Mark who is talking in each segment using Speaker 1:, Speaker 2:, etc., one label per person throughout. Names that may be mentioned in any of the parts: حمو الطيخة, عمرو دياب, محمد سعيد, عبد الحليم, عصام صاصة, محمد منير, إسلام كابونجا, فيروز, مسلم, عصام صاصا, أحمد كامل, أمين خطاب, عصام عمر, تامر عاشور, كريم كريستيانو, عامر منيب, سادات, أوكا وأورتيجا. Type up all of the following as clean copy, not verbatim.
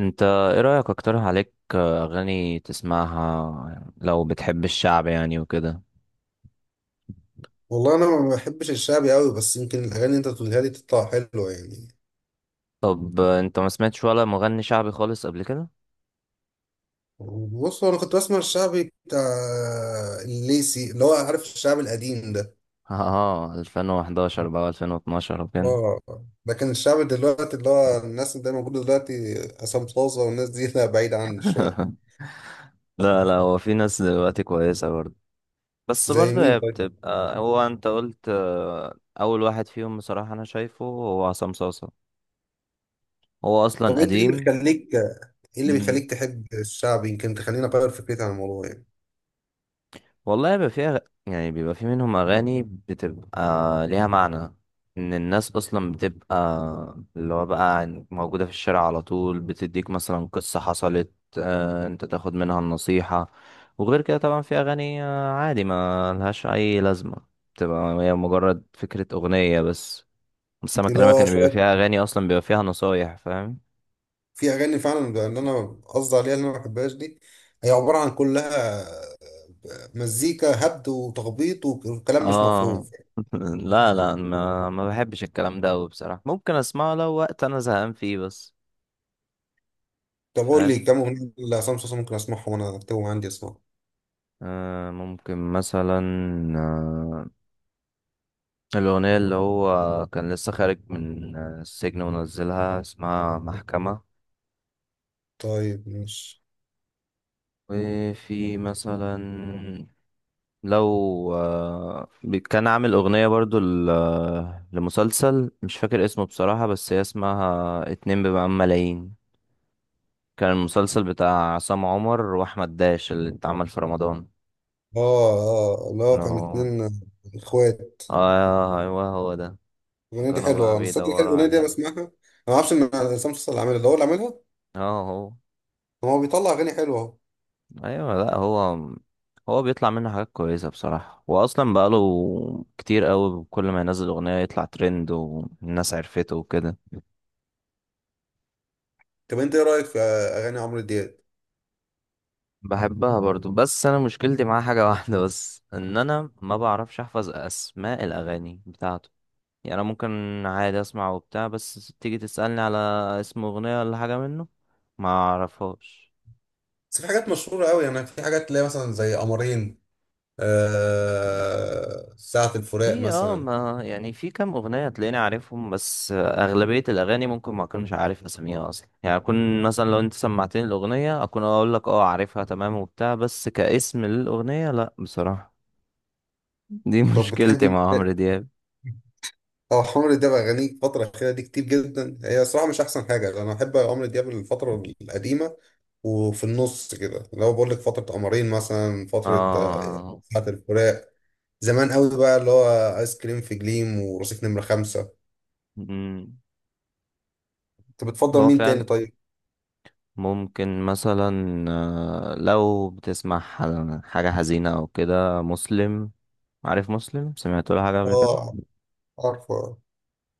Speaker 1: انت ايه رأيك؟ اقترح عليك اغاني تسمعها لو بتحب الشعب يعني وكده.
Speaker 2: والله انا ما بحبش الشعبي قوي، بس يمكن الاغاني اللي انت بتقولها لي تطلع حلوه يعني.
Speaker 1: طب انت ما سمعتش ولا مغني شعبي خالص قبل كده؟
Speaker 2: بص، هو انا كنت بسمع الشعبي بتاع الليسي اللي هو عارف الشعب القديم ده.
Speaker 1: اه، 2011 بقى 2012 وكده.
Speaker 2: اه. لكن الشعب دلوقتي اللي هو الناس اللي موجوده دلوقتي عصام صاصه والناس دي، لا بعيد عني شويه.
Speaker 1: لا لا، هو في ناس دلوقتي كويسة برضه. بس
Speaker 2: زي
Speaker 1: برضه
Speaker 2: مين
Speaker 1: هي
Speaker 2: طيب؟
Speaker 1: بتبقى، هو انت قلت، اول واحد فيهم بصراحة انا شايفه هو عصام صاصا. هو
Speaker 2: طب
Speaker 1: اصلا
Speaker 2: انت ايه اللي
Speaker 1: قديم.
Speaker 2: بيخليك ايه اللي
Speaker 1: مم.
Speaker 2: بيخليك تحب الشعبي، يمكن تخليني اغير فكرتي عن الموضوع يعني.
Speaker 1: والله بيبقى فيها، يعني بيبقى في منهم أغاني بتبقى ليها معنى، إن الناس أصلا بتبقى اللي هو بقى موجودة في الشارع على طول، بتديك مثلا قصة حصلت، أنت تاخد منها النصيحة. وغير كده طبعا في أغاني عادي ما لهاش أي لازمة، بتبقى هي مجرد فكرة أغنية بس. بس أنا
Speaker 2: اللي
Speaker 1: بكلمك
Speaker 2: هو
Speaker 1: إن بيبقى
Speaker 2: شويه،
Speaker 1: فيها أغاني أصلا بيبقى فيها نصايح، فاهم؟
Speaker 2: في اغاني فعلا ان انا قصدي عليها اللي انا ما بحبهاش دي، هي عباره عن كلها مزيكا هبد وتخبيط وكلام مش مفهوم.
Speaker 1: اه. لا لا، ما بحبش الكلام ده أوي بصراحة، ممكن أسمعه لو وقت أنا زهقان فيه بس.
Speaker 2: طب قول لي
Speaker 1: فاهم.
Speaker 2: كام اغنيه لعصام صاصا ممكن اسمعهم، وانا اكتبهم عندي اسمعهم.
Speaker 1: ممكن مثلا آه الأغنية اللي هو كان لسه خارج من السجن ونزلها، اسمها محكمة.
Speaker 2: طيب ماشي.
Speaker 1: وفي مثلا، لو كان عامل أغنية برضو لمسلسل مش فاكر اسمه بصراحة، بس هي اسمها اتنين بمقام ملايين. كان المسلسل بتاع عصام عمر وأحمد داش اللي اتعمل في رمضان.
Speaker 2: اه. اه، لا كان
Speaker 1: لو-
Speaker 2: اتنين اخوات.
Speaker 1: آه، أيوه هو ده.
Speaker 2: الاغنيه دي
Speaker 1: كانوا بقى
Speaker 2: حلوه، انا الصدق كده
Speaker 1: بيدوروا
Speaker 2: الاغنيه دي أنا
Speaker 1: عليه.
Speaker 2: بسمعها انا. ما اعرفش ان عصام صاصا اللي عاملها ده هو اللي عاملها.
Speaker 1: اه، هو.
Speaker 2: طب هو بيطلع اغاني حلوه اهو.
Speaker 1: ايوه، لا هو بيطلع منه حاجات كويسه بصراحه، واصلا بقاله كتير قوي، كل ما ينزل اغنيه يطلع ترند والناس عرفته وكده.
Speaker 2: طب انت ايه رايك في اغاني عمرو دياب؟
Speaker 1: بحبها برضو، بس انا مشكلتي معاه حاجه واحده بس، ان انا ما بعرفش احفظ اسماء الاغاني بتاعته. يعني انا ممكن عادي اسمع وبتاع، بس تيجي تسالني على اسم اغنيه ولا حاجه منه ما اعرفهاش.
Speaker 2: بس في حاجات مشهوره قوي يعني، في حاجات تلاقي مثلا زي قمرين، ساعة الفراق
Speaker 1: في
Speaker 2: مثلا.
Speaker 1: ما يعني في كام اغنيه تلاقيني عارفهم، بس اغلبيه الاغاني ممكن ما اكونش عارف اساميها اصلا، يعني اكون مثلا لو انت سمعتني الاغنيه اكون اقول لك اه، عارفها تمام وبتاع، بس كاسم للاغنيه لا بصراحه. دي
Speaker 2: طب
Speaker 1: مشكلتي
Speaker 2: بتحبي.
Speaker 1: مع عمرو دياب.
Speaker 2: اه، عمرو دياب اغانيه الفتره الاخيره دي كتير جدا، هي صراحه مش احسن حاجه. انا بحب عمرو دياب الفتره القديمه، وفي النص كده اللي هو بقول لك فتره قمرين مثلا، فتره
Speaker 1: اه.
Speaker 2: ساعه الفراق، زمان قوي بقى، اللي هو ايس كريم في جليم ورصيف نمره 5.
Speaker 1: مم.
Speaker 2: انت بتفضل
Speaker 1: هو
Speaker 2: مين
Speaker 1: فعلا
Speaker 2: تاني طيب؟
Speaker 1: ممكن مثلا، لو بتسمع حاجه حزينه او كده، مسلم. عارف مسلم؟ سمعت له حاجه قبل كده.
Speaker 2: اه، عارفه.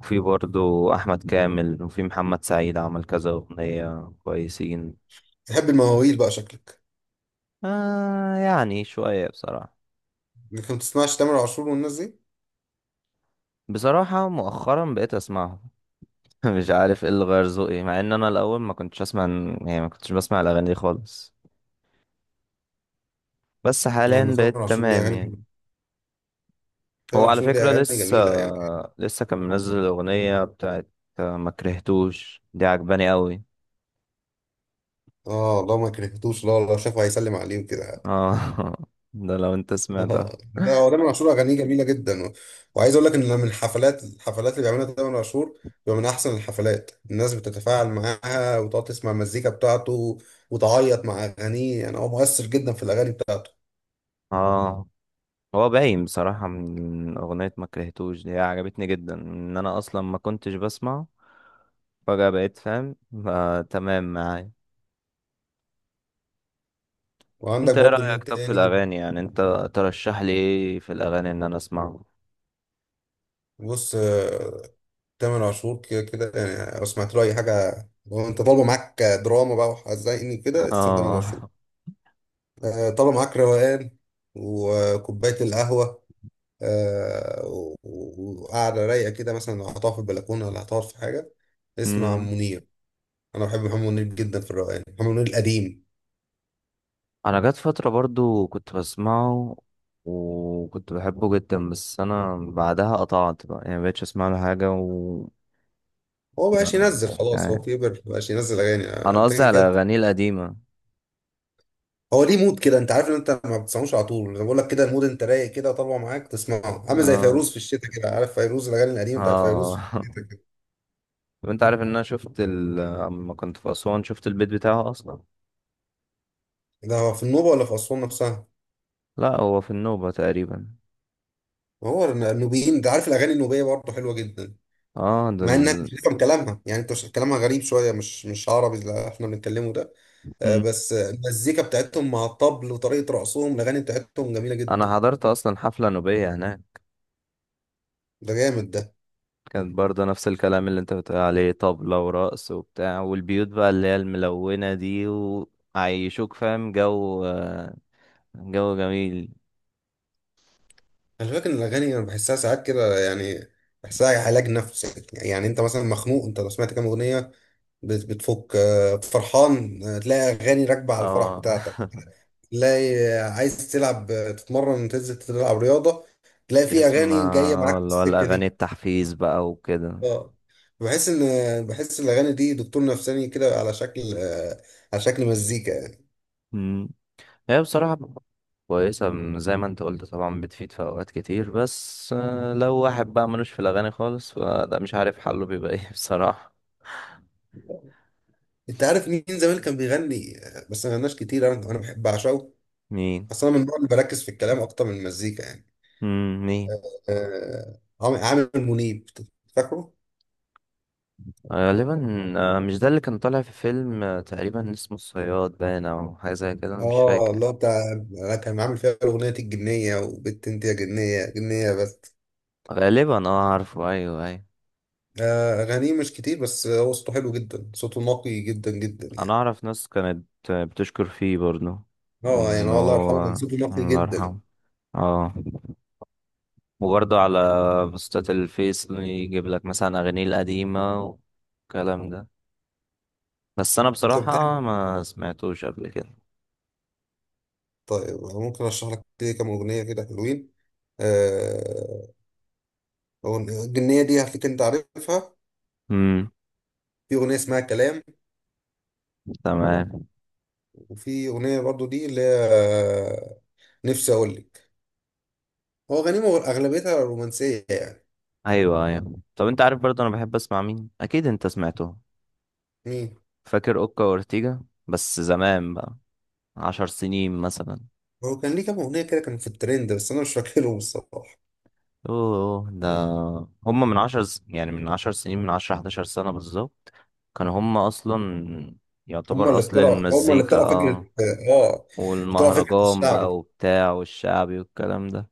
Speaker 1: وفي برضو أحمد كامل، وفي محمد سعيد عمل كذا أغنية كويسين.
Speaker 2: تحب المواويل بقى شكلك.
Speaker 1: آه، يعني شوية بصراحة.
Speaker 2: لكن ما بتسمعش تامر عاشور والناس دي.
Speaker 1: بصراحة مؤخرا بقيت أسمعهم. مش عارف ايه اللي غير ذوقي مع ان انا الاول ما كنتش اسمع. يعني ما كنتش بسمع الاغاني دي خالص. بس
Speaker 2: يعني
Speaker 1: حاليا بقيت
Speaker 2: تامر عاشور ليه
Speaker 1: تمام
Speaker 2: اغاني
Speaker 1: يعني.
Speaker 2: جميله،
Speaker 1: هو
Speaker 2: تامر
Speaker 1: على
Speaker 2: عاشور ليه
Speaker 1: فكرة
Speaker 2: اغاني
Speaker 1: لسه
Speaker 2: جميله يعني.
Speaker 1: لسه كان منزل الاغنية بتاعت ما كرهتوش، دي عجباني قوي.
Speaker 2: اه والله، ما كرهتوش، لا لا، شافه هيسلم عليه كده.
Speaker 1: اه. ده لو انت
Speaker 2: ده.
Speaker 1: سمعتها.
Speaker 2: هو تامر عاشور اغانيه جميله جدا، وعايز اقول لك ان من الحفلات اللي بيعملها تامر عاشور بيبقى من احسن الحفلات. الناس بتتفاعل معاها وتقعد تسمع المزيكا بتاعته، وتعيط مع اغانيه. يعني هو مؤثر جدا في الاغاني بتاعته.
Speaker 1: اه، هو باين بصراحة من أغنية ما كرهتوش، دي عجبتني جدا إن أنا أصلا ما كنتش بسمع. فجأة بقيت فاهم، فتمام معايا.
Speaker 2: وعندك
Speaker 1: أنت إيه
Speaker 2: برضو
Speaker 1: رأيك
Speaker 2: مين
Speaker 1: طب في
Speaker 2: تاني؟
Speaker 1: الأغاني؟ يعني أنت ترشح لي إيه في الأغاني إن أنا أسمعه؟
Speaker 2: بص، تامر عاشور كده كده يعني، لو سمعت له اي حاجه. لو انت طالبه معاك دراما بقى وحزيني كده، اسمع تامر عاشور.
Speaker 1: آه.
Speaker 2: طالبه معاك روقان وكوبايه القهوه، وقاعدة رايقة كده مثلا، لو هتقعد في البلكونة ولا هتقعد في حاجة، اسمع
Speaker 1: أمم.
Speaker 2: منير. أنا بحب محمد منير جدا في الروقان، محمد منير القديم.
Speaker 1: أنا جات فترة برضو كنت بسمعه، وكنت بحبه جدا، بس أنا بعدها قطعت بقى يعني مبقتش أسمع له حاجة و...
Speaker 2: هو مبقاش ينزل خلاص، هو
Speaker 1: يعني
Speaker 2: كبر مبقاش ينزل أغاني،
Speaker 1: أنا
Speaker 2: أنت
Speaker 1: قصدي
Speaker 2: كده
Speaker 1: على
Speaker 2: كده.
Speaker 1: أغانيه القديمة.
Speaker 2: هو ليه مود كده، أنت عارف إن أنت ما بتسمعوش على طول. أنا بقول لك كده، المود أنت رايق كده طالع معاك تسمعه، عامل زي
Speaker 1: آه.
Speaker 2: فيروز في الشتاء كده، عارف فيروز الأغاني القديمة بتاعت فيروز.
Speaker 1: آه. طب انت عارف ان انا شفت اما كنت في اسوان شفت البيت بتاعه اصلا.
Speaker 2: ده هو في النوبة ولا في أسوان نفسها؟
Speaker 1: لا، هو في النوبة تقريبا.
Speaker 2: هو النوبيين، أنت عارف الأغاني النوبية برضه حلوة جدا،
Speaker 1: اه، ده.
Speaker 2: مع انك مش هتفهم كلامها يعني، انت كلامها غريب شويه، مش عربي اللي احنا بنتكلمه ده.
Speaker 1: مم.
Speaker 2: بس المزيكا بتاعتهم مع الطبل وطريقة رقصهم، الأغاني بتاعتهم جميلة
Speaker 1: انا
Speaker 2: جدا.
Speaker 1: حضرت اصلا حفلة نوبية هناك.
Speaker 2: ده جامد ده.
Speaker 1: كانت برضه نفس الكلام اللي انت بتقول عليه، طبلة ورقص وبتاع، والبيوت بقى اللي هي الملونة دي. وعيشوك، فاهم؟ جو جميل.
Speaker 2: أنا فاكر إن الأغاني أنا بحسها ساعات كده يعني، بحسها علاج نفسي يعني. أنت مثلا مخنوق أنت، لو سمعت كام أغنية بتفك. فرحان، تلاقي أغاني راكبة على الفرح
Speaker 1: اه.
Speaker 2: بتاعتك. تلاقي عايز تلعب، تتمرن تنزل تلعب رياضة، تلاقي في أغاني جاية
Speaker 1: تسمع
Speaker 2: معاك في
Speaker 1: اللي هو
Speaker 2: السكة
Speaker 1: الاغاني
Speaker 2: دي.
Speaker 1: التحفيز بقى وكده.
Speaker 2: اه. بحس إن الأغاني دي دكتور نفساني كده، على شكل مزيكا.
Speaker 1: هي بصراحة كويسة، زي ما انت قلت طبعا، بتفيد في أوقات كتير، بس لو واحد بقى ملوش في الأغاني خالص فده مش عارف حله بيبقى ايه بصراحة.
Speaker 2: انت عارف مين زمان كان بيغني، بس ما غناش كتير، انا بحب اعشقه،
Speaker 1: مين؟
Speaker 2: اصلا من النوع اللي بركز في الكلام اكتر من المزيكا يعني.
Speaker 1: مين؟
Speaker 2: عامر منيب. فاكره؟
Speaker 1: غالبا. مش ده اللي كان طالع في فيلم تقريبا اسمه الصياد باين أو حاجة زي كده، أنا مش
Speaker 2: اه
Speaker 1: فاكر.
Speaker 2: الله، بتاع كان عامل فيها اغنيه الجنيه، وبت انت يا جنيه جنيه بس.
Speaker 1: غالبا. اه، عارفه. أيوه، أيوه.
Speaker 2: اغانيه مش كتير، بس هو صوته حلو جدا، صوته نقي جدا جدا
Speaker 1: أنا
Speaker 2: يعني.
Speaker 1: أعرف ناس كانت بتشكر فيه برضه،
Speaker 2: اه يعني
Speaker 1: وإن
Speaker 2: هو الله يرحمه كان
Speaker 1: هو...
Speaker 2: صوته نقي
Speaker 1: الله
Speaker 2: جدا.
Speaker 1: يرحمه. اه. وبرضه على بوستات الفيس يجيب لك مثلا أغانيه القديمة والكلام ده. بس أنا
Speaker 2: طب
Speaker 1: بصراحة
Speaker 2: بتحب.
Speaker 1: ما سمعتوش قبل كده.
Speaker 2: طيب ممكن اشرح لك كده كام اغنيه كده حلوين. آه الجنيه دي هتلاقيك انت عارفها.
Speaker 1: امم.
Speaker 2: في اغنيه اسمها كلام،
Speaker 1: تمام.
Speaker 2: وفي اغنيه برضو دي اللي هي، نفسي اقول لك، هو غنيمه اغلبيتها رومانسيه يعني.
Speaker 1: أيوه، أيوه. طب أنت عارف برضه أنا بحب أسمع مين؟ أكيد أنت سمعته.
Speaker 2: مين.
Speaker 1: فاكر أوكا وأورتيجا؟ بس زمان بقى، 10 سنين مثلا.
Speaker 2: هو كان ليه كام اغنيه كده كانوا في الترند، بس انا مش فاكرهم الصراحه.
Speaker 1: أوه، ده. هما يعني من 10 سنين، من عشرة حداشر سنة بالظبط، كانوا هما أصلا يعتبر أصل
Speaker 2: هم اللي
Speaker 1: المزيكا.
Speaker 2: اخترعوا فكره.
Speaker 1: اه،
Speaker 2: اه اخترعوا فكره
Speaker 1: والمهرجان
Speaker 2: الشعب
Speaker 1: بقى
Speaker 2: دي،
Speaker 1: وبتاع والشعبي والكلام ده.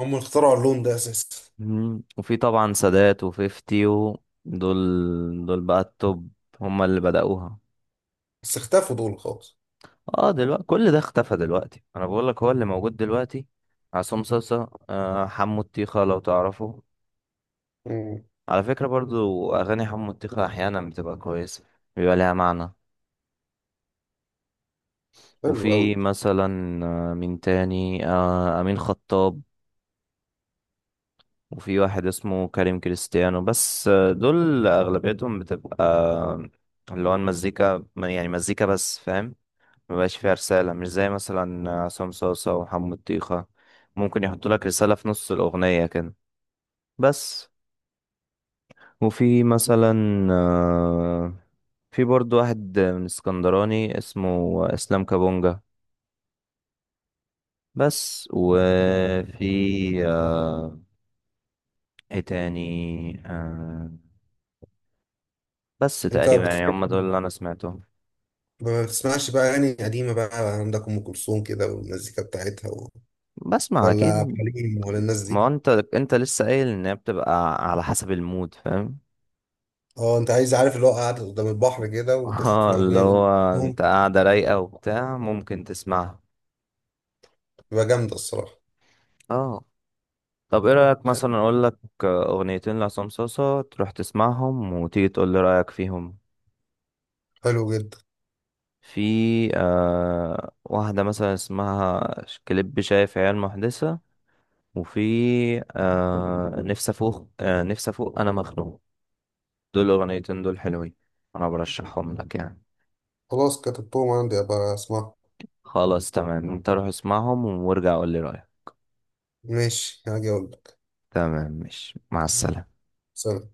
Speaker 2: هم اللي اخترعوا اللون ده اساسا.
Speaker 1: مم. وفي طبعا سادات وفيفتي دول. دول بقى التوب، هما اللي بدأوها.
Speaker 2: بس اختفوا دول خالص.
Speaker 1: اه، دلوقتي كل ده اختفى. دلوقتي انا بقول لك هو اللي موجود دلوقتي عصام صاصا، حمو الطيخة لو تعرفه.
Speaker 2: مم.
Speaker 1: على فكرة برضو اغاني حمو الطيخة احيانا بتبقى كويسة، بيبقى لها معنى.
Speaker 2: حلو
Speaker 1: وفي
Speaker 2: قوي.
Speaker 1: مثلا مين تاني؟ امين خطاب. وفي واحد اسمه كريم كريستيانو، بس دول أغلبيتهم بتبقى اللي هو المزيكا يعني مزيكا بس، فاهم. مبقاش فيها رسالة، مش زي مثلا عصام صاصة وحمو طيخة، ممكن يحطوا لك رسالة في نص الأغنية كده بس. وفي مثلا آه، في برضو واحد من اسكندراني اسمه إسلام كابونجا، بس وفي ايه تاني؟ آه، بس
Speaker 2: انت
Speaker 1: تقريبا يعني
Speaker 2: بتحب.
Speaker 1: هم دول اللي أنا سمعتهم.
Speaker 2: ما بتسمعش بقى اغاني قديمه بقى؟ عندك ام كلثوم كده والمزيكا بتاعتها
Speaker 1: بسمع
Speaker 2: ولا
Speaker 1: اكيد.
Speaker 2: عبد الحليم ولا الناس
Speaker 1: ما
Speaker 2: دي؟
Speaker 1: هو انت لسه قايل ان هي بتبقى على حسب المود، فاهم.
Speaker 2: اه. انت عايز عارف اللي هو قاعد قدام البحر كده،
Speaker 1: اه،
Speaker 2: وتسمع
Speaker 1: اللي
Speaker 2: اغنيه لأم
Speaker 1: هو
Speaker 2: كلثوم،
Speaker 1: انت قاعده رايقه وبتاع، ممكن تسمعها.
Speaker 2: تبقى جامده الصراحه.
Speaker 1: اه. طب ايه رايك
Speaker 2: حلو.
Speaker 1: مثلا اقول لك اغنيتين لعصام صوصه تروح تسمعهم وتيجي تقول لي رايك فيهم؟
Speaker 2: حلو جدا.
Speaker 1: في واحده مثلا اسمها كليب شايف عيال محدثه. وفي آه نفسي افوق، آه نفسي افوق انا مخنوق. دول الاغنيتين دول حلوين، انا برشحهم لك يعني.
Speaker 2: خلاص كتبتهم عندي ابقى اسمعهم.
Speaker 1: خلاص تمام، انت روح اسمعهم وارجع قول لي رأيك.
Speaker 2: ماشي، هاجي اقول لك.
Speaker 1: تمام، ماشي، مع السلامة.
Speaker 2: سلام.